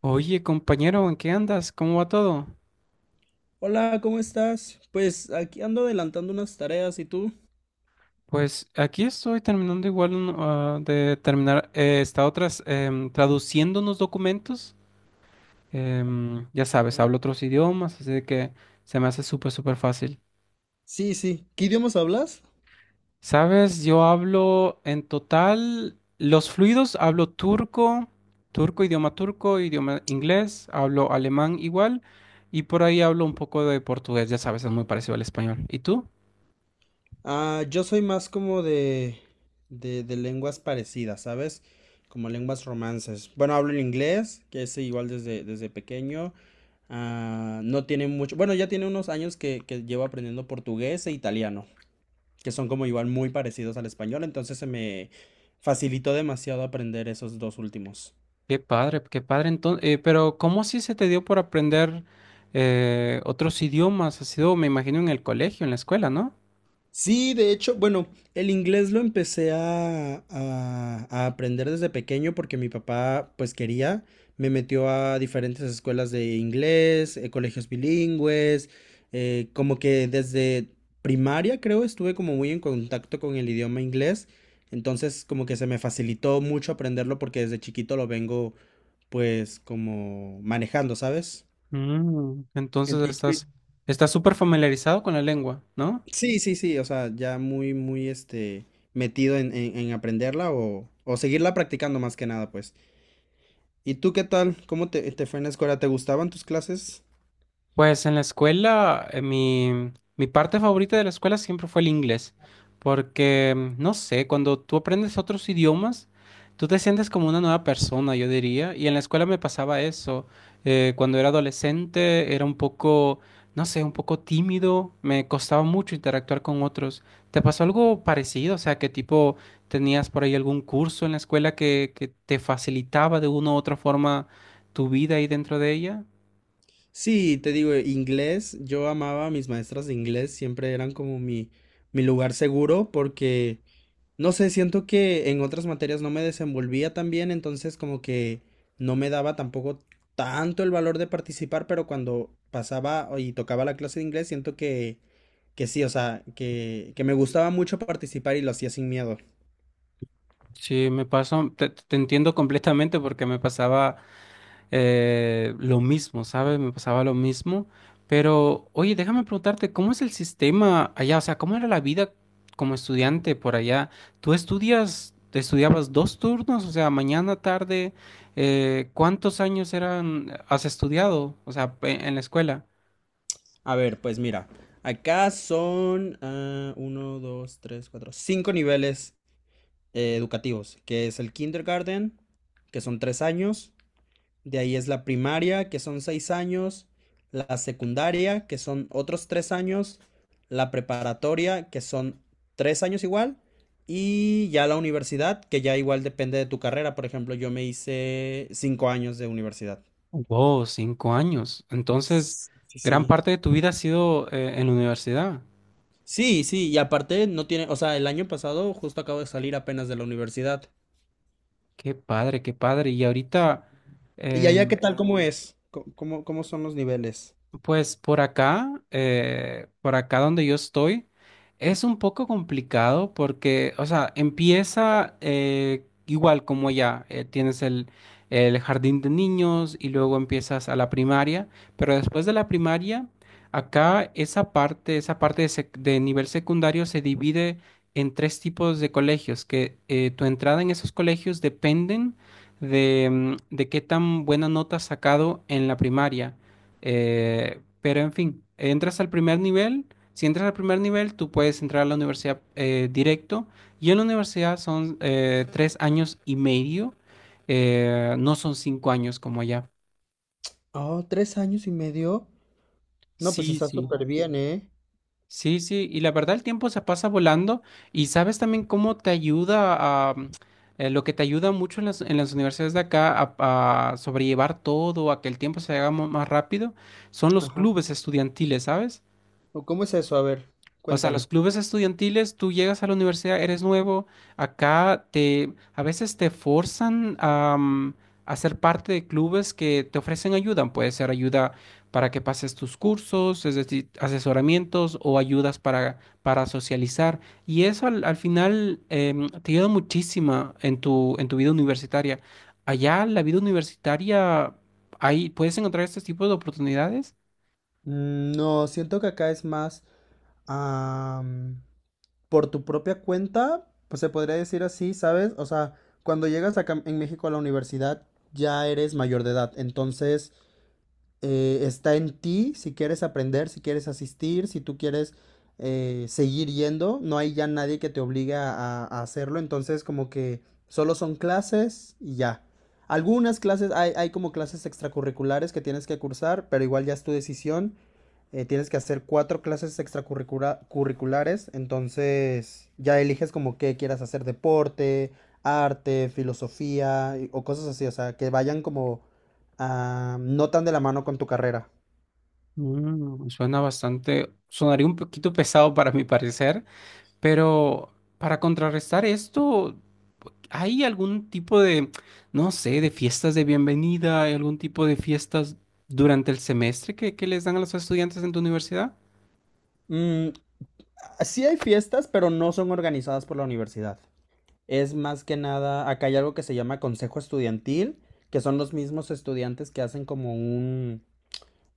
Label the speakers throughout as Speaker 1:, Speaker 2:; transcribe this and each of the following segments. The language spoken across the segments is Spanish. Speaker 1: Oye, compañero, ¿en qué andas? ¿Cómo va todo?
Speaker 2: Hola, ¿cómo estás? Pues aquí ando adelantando unas tareas, ¿y tú?
Speaker 1: Pues aquí estoy terminando igual de terminar, esta otras traduciendo unos documentos. Ya sabes, hablo otros idiomas, así de que se me hace súper, súper fácil.
Speaker 2: Sí, sí. ¿Qué idiomas hablas?
Speaker 1: Sabes, yo hablo en total, los fluidos, hablo turco, turco, idioma inglés, hablo alemán igual, y por ahí hablo un poco de portugués, ya sabes, es muy parecido al español. ¿Y tú?
Speaker 2: Ah, yo soy más como de lenguas parecidas, ¿sabes? Como lenguas romances. Bueno, hablo el inglés, que es igual desde pequeño. Ah, no tiene mucho, bueno, ya tiene unos años que llevo aprendiendo portugués e italiano, que son como igual muy parecidos al español, entonces se me facilitó demasiado aprender esos dos últimos.
Speaker 1: Qué padre, qué padre. Entonces, pero ¿cómo así se te dio por aprender otros idiomas? Ha sido, me imagino, en el colegio, en la escuela, ¿no?
Speaker 2: Sí, de hecho, bueno, el inglés lo empecé a aprender desde pequeño porque mi papá, pues quería, me metió a diferentes escuelas de inglés, colegios bilingües, como que desde primaria creo estuve como muy en contacto con el idioma inglés, entonces como que se me facilitó mucho aprenderlo porque desde chiquito lo vengo pues como manejando, ¿sabes?
Speaker 1: Mm, estás súper familiarizado con la lengua, ¿no?
Speaker 2: Sí, sí, sí, o sea, ya muy, muy, metido en aprenderla o seguirla practicando más que nada, pues. ¿Y tú qué tal? ¿Cómo te fue en la escuela? ¿Te gustaban tus clases?
Speaker 1: Pues en la escuela, mi parte favorita de la escuela siempre fue el inglés, porque, mm, no sé, cuando tú aprendes otros idiomas, tú te sientes como una nueva persona, yo diría, y en la escuela me pasaba eso. Cuando era adolescente era un poco, no sé, un poco tímido, me costaba mucho interactuar con otros. ¿Te pasó algo parecido? O sea, ¿qué tipo tenías por ahí algún curso en la escuela que te facilitaba de una u otra forma tu vida ahí dentro de ella?
Speaker 2: Sí, te digo, inglés, yo amaba a mis maestras de inglés, siempre eran como mi lugar seguro porque no sé, siento que en otras materias no me desenvolvía tan bien, entonces como que no me daba tampoco tanto el valor de participar, pero cuando pasaba y tocaba la clase de inglés, siento que sí, o sea, que me gustaba mucho participar y lo hacía sin miedo.
Speaker 1: Sí, me pasó, te entiendo completamente porque me pasaba lo mismo, ¿sabes? Me pasaba lo mismo. Pero, oye, déjame preguntarte, ¿cómo es el sistema allá? O sea, ¿cómo era la vida como estudiante por allá? ¿Tú estudias, te estudiabas dos turnos? O sea, mañana, tarde, ¿cuántos años eran, has estudiado? O sea, en la escuela.
Speaker 2: A ver, pues mira, acá son uno, dos, tres, cuatro, cinco niveles educativos, que es el kindergarten, que son 3 años. De ahí es la primaria, que son 6 años, la secundaria, que son otros 3 años, la preparatoria, que son 3 años igual, y ya la universidad, que ya igual depende de tu carrera. Por ejemplo, yo me hice 5 años de universidad.
Speaker 1: Wow, cinco años. Entonces,
Speaker 2: Sí,
Speaker 1: gran
Speaker 2: sí.
Speaker 1: parte de tu vida ha sido en la universidad.
Speaker 2: Sí, sí, sí, y aparte no tiene, o sea, el año pasado justo acabo de salir apenas de la universidad.
Speaker 1: Qué padre, qué padre. Y ahorita, sí,
Speaker 2: ¿Y allá qué tal? ¿Cómo es? ¿Cómo son los niveles?
Speaker 1: pues por acá donde yo estoy, es un poco complicado porque, o sea, empieza igual como ya, tienes el jardín de niños y luego empiezas a la primaria, pero después de la primaria, acá esa parte de nivel secundario se divide en tres tipos de colegios, que tu entrada en esos colegios dependen de, mm, de qué tan buena nota has sacado en la primaria. Pero en fin, entras al primer nivel. Si entras al primer nivel, tú puedes entrar a la universidad directo. Y en la universidad son tres años y medio. No son cinco años como allá.
Speaker 2: Oh, 3 años y medio. No, pues
Speaker 1: Sí,
Speaker 2: está
Speaker 1: sí.
Speaker 2: súper bien, ¿eh?
Speaker 1: Sí, sí. Y la verdad, el tiempo se pasa volando. Y sabes también cómo te ayuda a... mm, lo que te ayuda mucho en las universidades de acá a sobrellevar todo, a que el tiempo se haga más rápido, son los clubes estudiantiles, ¿sabes?
Speaker 2: ¿O cómo es eso? A ver,
Speaker 1: O sea, los
Speaker 2: cuéntame.
Speaker 1: clubes estudiantiles, tú llegas a la universidad, eres nuevo, acá te a veces te forzan a ser parte de clubes que te ofrecen ayuda. Puede ser ayuda para que pases tus cursos, es decir, asesoramientos o ayudas para socializar. Y eso al final te ayuda muchísimo en tu vida universitaria. Allá, la vida universitaria, ahí puedes encontrar este tipo de oportunidades.
Speaker 2: No, siento que acá es más am, por tu propia cuenta, pues se podría decir así, ¿sabes? O sea, cuando llegas acá en México a la universidad ya eres mayor de edad, entonces está en ti si quieres aprender, si quieres asistir, si tú quieres seguir yendo, no hay ya nadie que te obligue a hacerlo, entonces como que solo son clases y ya. Algunas clases, hay como clases extracurriculares que tienes que cursar, pero igual ya es tu decisión. Tienes que hacer cuatro clases extracurriculares, entonces ya eliges como qué quieras hacer, deporte, arte, filosofía o cosas así, o sea, que vayan como no tan de la mano con tu carrera.
Speaker 1: Mm, suena bastante, sonaría un poquito pesado para mi parecer, pero para contrarrestar esto, ¿hay algún tipo de, no sé, de fiestas de bienvenida? ¿Hay algún tipo de fiestas durante el semestre que les dan a los estudiantes en tu universidad?
Speaker 2: Mm, sí hay fiestas, pero no son organizadas por la universidad. Es más que nada, acá hay algo que se llama consejo estudiantil, que son los mismos estudiantes que hacen como un,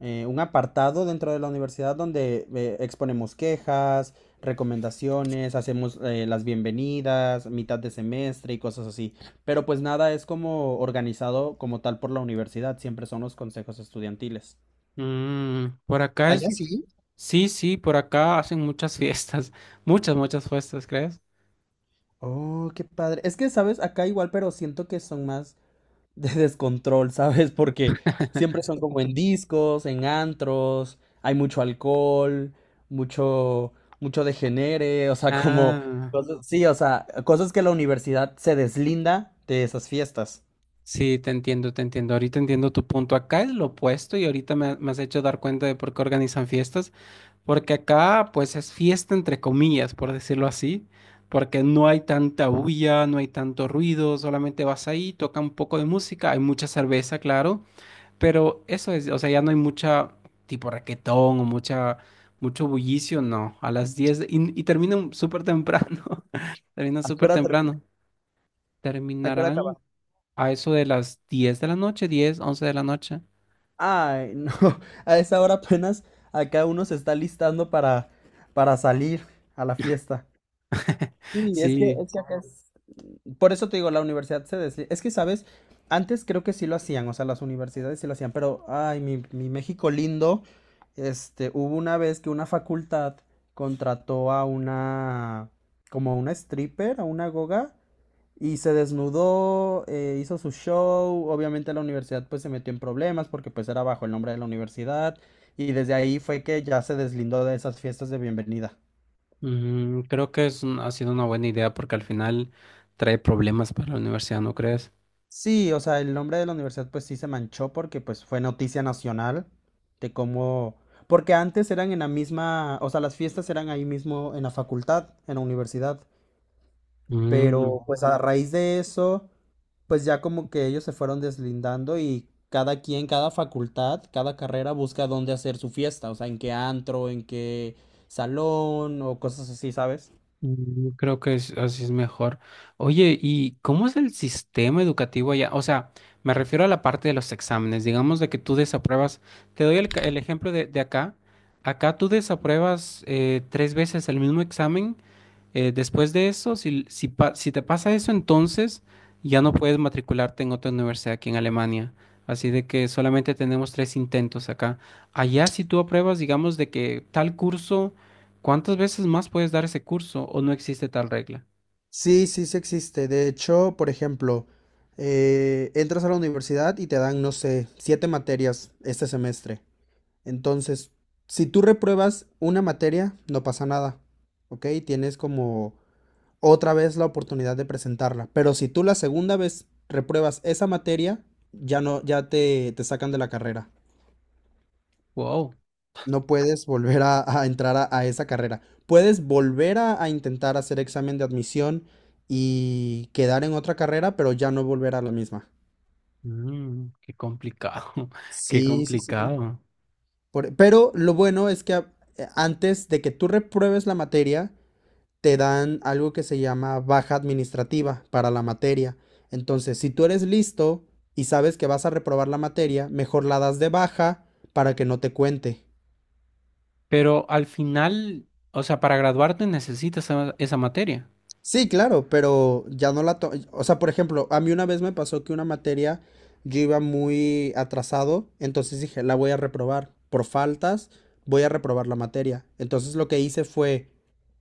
Speaker 2: eh, un apartado dentro de la universidad donde exponemos quejas, recomendaciones, hacemos las bienvenidas, mitad de semestre y cosas así. Pero pues nada es como organizado como tal por la universidad, siempre son los consejos estudiantiles.
Speaker 1: Mm, por acá es...
Speaker 2: Allá sí.
Speaker 1: Sí, sí, por acá hacen muchas fiestas, muchas, muchas fiestas, ¿crees?
Speaker 2: Oh, qué padre. Es que, ¿sabes? Acá igual, pero siento que son más de descontrol, ¿sabes? Porque siempre son como en discos, en antros, hay mucho alcohol, mucho, mucho degenere, o sea, como
Speaker 1: Ah,
Speaker 2: cosas, sí, o sea, cosas que la universidad se deslinda de esas fiestas.
Speaker 1: sí, te entiendo, te entiendo. Ahorita entiendo tu punto. Acá es lo opuesto y ahorita me has hecho dar cuenta de por qué organizan fiestas. Porque acá, pues, es fiesta entre comillas, por decirlo así, porque no hay tanta bulla, no hay tanto ruido, solamente vas ahí, toca un poco de música, hay mucha cerveza, claro, pero eso es, o sea, ya no hay mucha, tipo raquetón o mucha, mucho bullicio, no, a las y terminan súper temprano, terminan
Speaker 2: ¿A qué
Speaker 1: súper
Speaker 2: hora termina?
Speaker 1: temprano,
Speaker 2: ¿A qué hora
Speaker 1: terminarán
Speaker 2: acaba?
Speaker 1: a eso de las 10 de la noche, 10, 11 de la noche,
Speaker 2: Ay, no, a esa hora apenas acá uno se está listando para salir a la fiesta. Sí, es que,
Speaker 1: sí.
Speaker 2: es que acá es... Por eso te digo, la universidad se desliga. Es que, ¿sabes? Antes creo que sí lo hacían, o sea, las universidades sí lo hacían, pero, ay, mi México lindo, hubo una vez que una facultad contrató a una, como a una stripper, a una goga, y se desnudó, hizo su show. Obviamente la universidad pues se metió en problemas porque pues era bajo el nombre de la universidad, y desde ahí fue que ya se deslindó de esas fiestas de bienvenida.
Speaker 1: Mm, creo que ha sido una buena idea porque al final trae problemas para la universidad, ¿no crees?
Speaker 2: Sí, o sea, el nombre de la universidad pues sí se manchó porque pues fue noticia nacional de cómo... Porque antes eran en la misma, o sea, las fiestas eran ahí mismo en la facultad, en la universidad,
Speaker 1: Mm,
Speaker 2: pero pues a raíz de eso, pues ya como que ellos se fueron deslindando y cada quien, cada facultad, cada carrera busca dónde hacer su fiesta, o sea, en qué antro, en qué salón o cosas así, ¿sabes?
Speaker 1: mm, creo que así es mejor. Oye, ¿y cómo es el sistema educativo allá? O sea, me refiero a la parte de los exámenes. Digamos de que tú desapruebas. Te doy el ejemplo de acá. Acá tú desapruebas tres veces el mismo examen. Después de eso, si te pasa eso, entonces ya no puedes matricularte en otra universidad aquí en Alemania. Así de que solamente tenemos tres intentos acá. Allá, si tú apruebas, digamos, de que tal curso, ¿cuántas veces más puedes dar ese curso o no existe tal regla?
Speaker 2: Sí, sí, sí existe. De hecho, por ejemplo, entras a la universidad y te dan, no sé, siete materias este semestre. Entonces, si tú repruebas una materia, no pasa nada, ¿ok? Tienes como otra vez la oportunidad de presentarla. Pero si tú la segunda vez repruebas esa materia, ya no, ya te sacan de la carrera.
Speaker 1: Wow,
Speaker 2: No puedes volver a entrar a esa carrera. Puedes volver a intentar hacer examen de admisión y quedar en otra carrera, pero ya no volver a la misma.
Speaker 1: mm, qué complicado, qué
Speaker 2: Sí, sí, sí.
Speaker 1: complicado.
Speaker 2: Pero lo bueno es que antes de que tú repruebes la materia, te dan algo que se llama baja administrativa para la materia. Entonces, si tú eres listo y sabes que vas a reprobar la materia, mejor la das de baja para que no te cuente.
Speaker 1: Pero al final, o sea, para graduarte necesitas esa materia.
Speaker 2: Sí, claro, pero ya no la O sea, por ejemplo, a mí una vez me pasó que una materia yo iba muy atrasado, entonces dije, la voy a reprobar. Por faltas, voy a reprobar la materia. Entonces lo que hice fue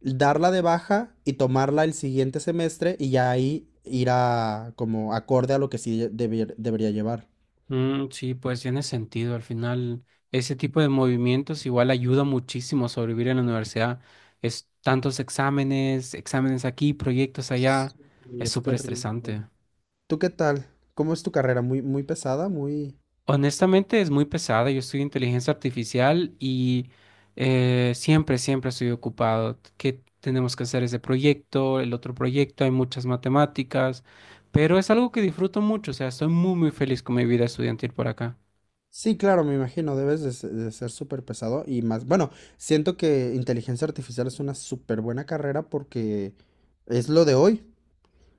Speaker 2: darla de baja y tomarla el siguiente semestre y ya ahí ir a como acorde a lo que sí debería llevar.
Speaker 1: Mm, sí, pues tiene sentido. Al final, ese tipo de movimientos igual ayuda muchísimo a sobrevivir en la universidad. Es tantos exámenes, exámenes aquí, proyectos allá.
Speaker 2: Sí,
Speaker 1: Es
Speaker 2: es
Speaker 1: súper
Speaker 2: terrible.
Speaker 1: estresante.
Speaker 2: ¿Tú qué tal? ¿Cómo es tu carrera? ¿Muy, muy pesada? Muy...
Speaker 1: Honestamente, es muy pesada. Yo estudio inteligencia artificial y siempre, siempre estoy ocupado. ¿Qué tenemos que hacer ese proyecto, el otro proyecto? Hay muchas matemáticas, pero es algo que disfruto mucho. O sea, estoy muy, muy feliz con mi vida estudiantil por acá.
Speaker 2: Sí, claro, me imagino, debes de ser súper pesado y más, bueno, siento que inteligencia artificial es una súper buena carrera porque es lo de hoy,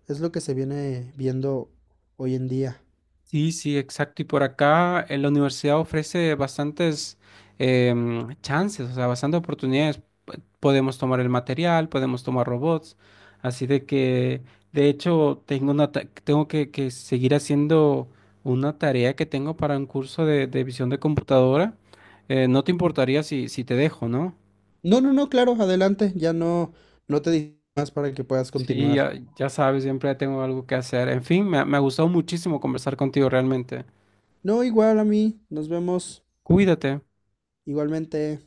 Speaker 2: es lo que se viene viendo hoy en día.
Speaker 1: Sí, sí, exacto. Y por acá la universidad ofrece bastantes chances, o sea, bastantes oportunidades. Podemos tomar el material, podemos tomar robots. Así de que, de hecho, tengo una tengo que seguir haciendo una tarea que tengo para un curso de visión de computadora. No te importaría si te dejo, ¿no?
Speaker 2: No, no, no, claro, adelante, ya no, no te digo más para que puedas
Speaker 1: Sí, ya,
Speaker 2: continuar.
Speaker 1: ya sabes, siempre tengo algo que hacer. En fin, me ha gustado muchísimo conversar contigo realmente.
Speaker 2: No, igual a mí, nos vemos
Speaker 1: Cuídate.
Speaker 2: igualmente.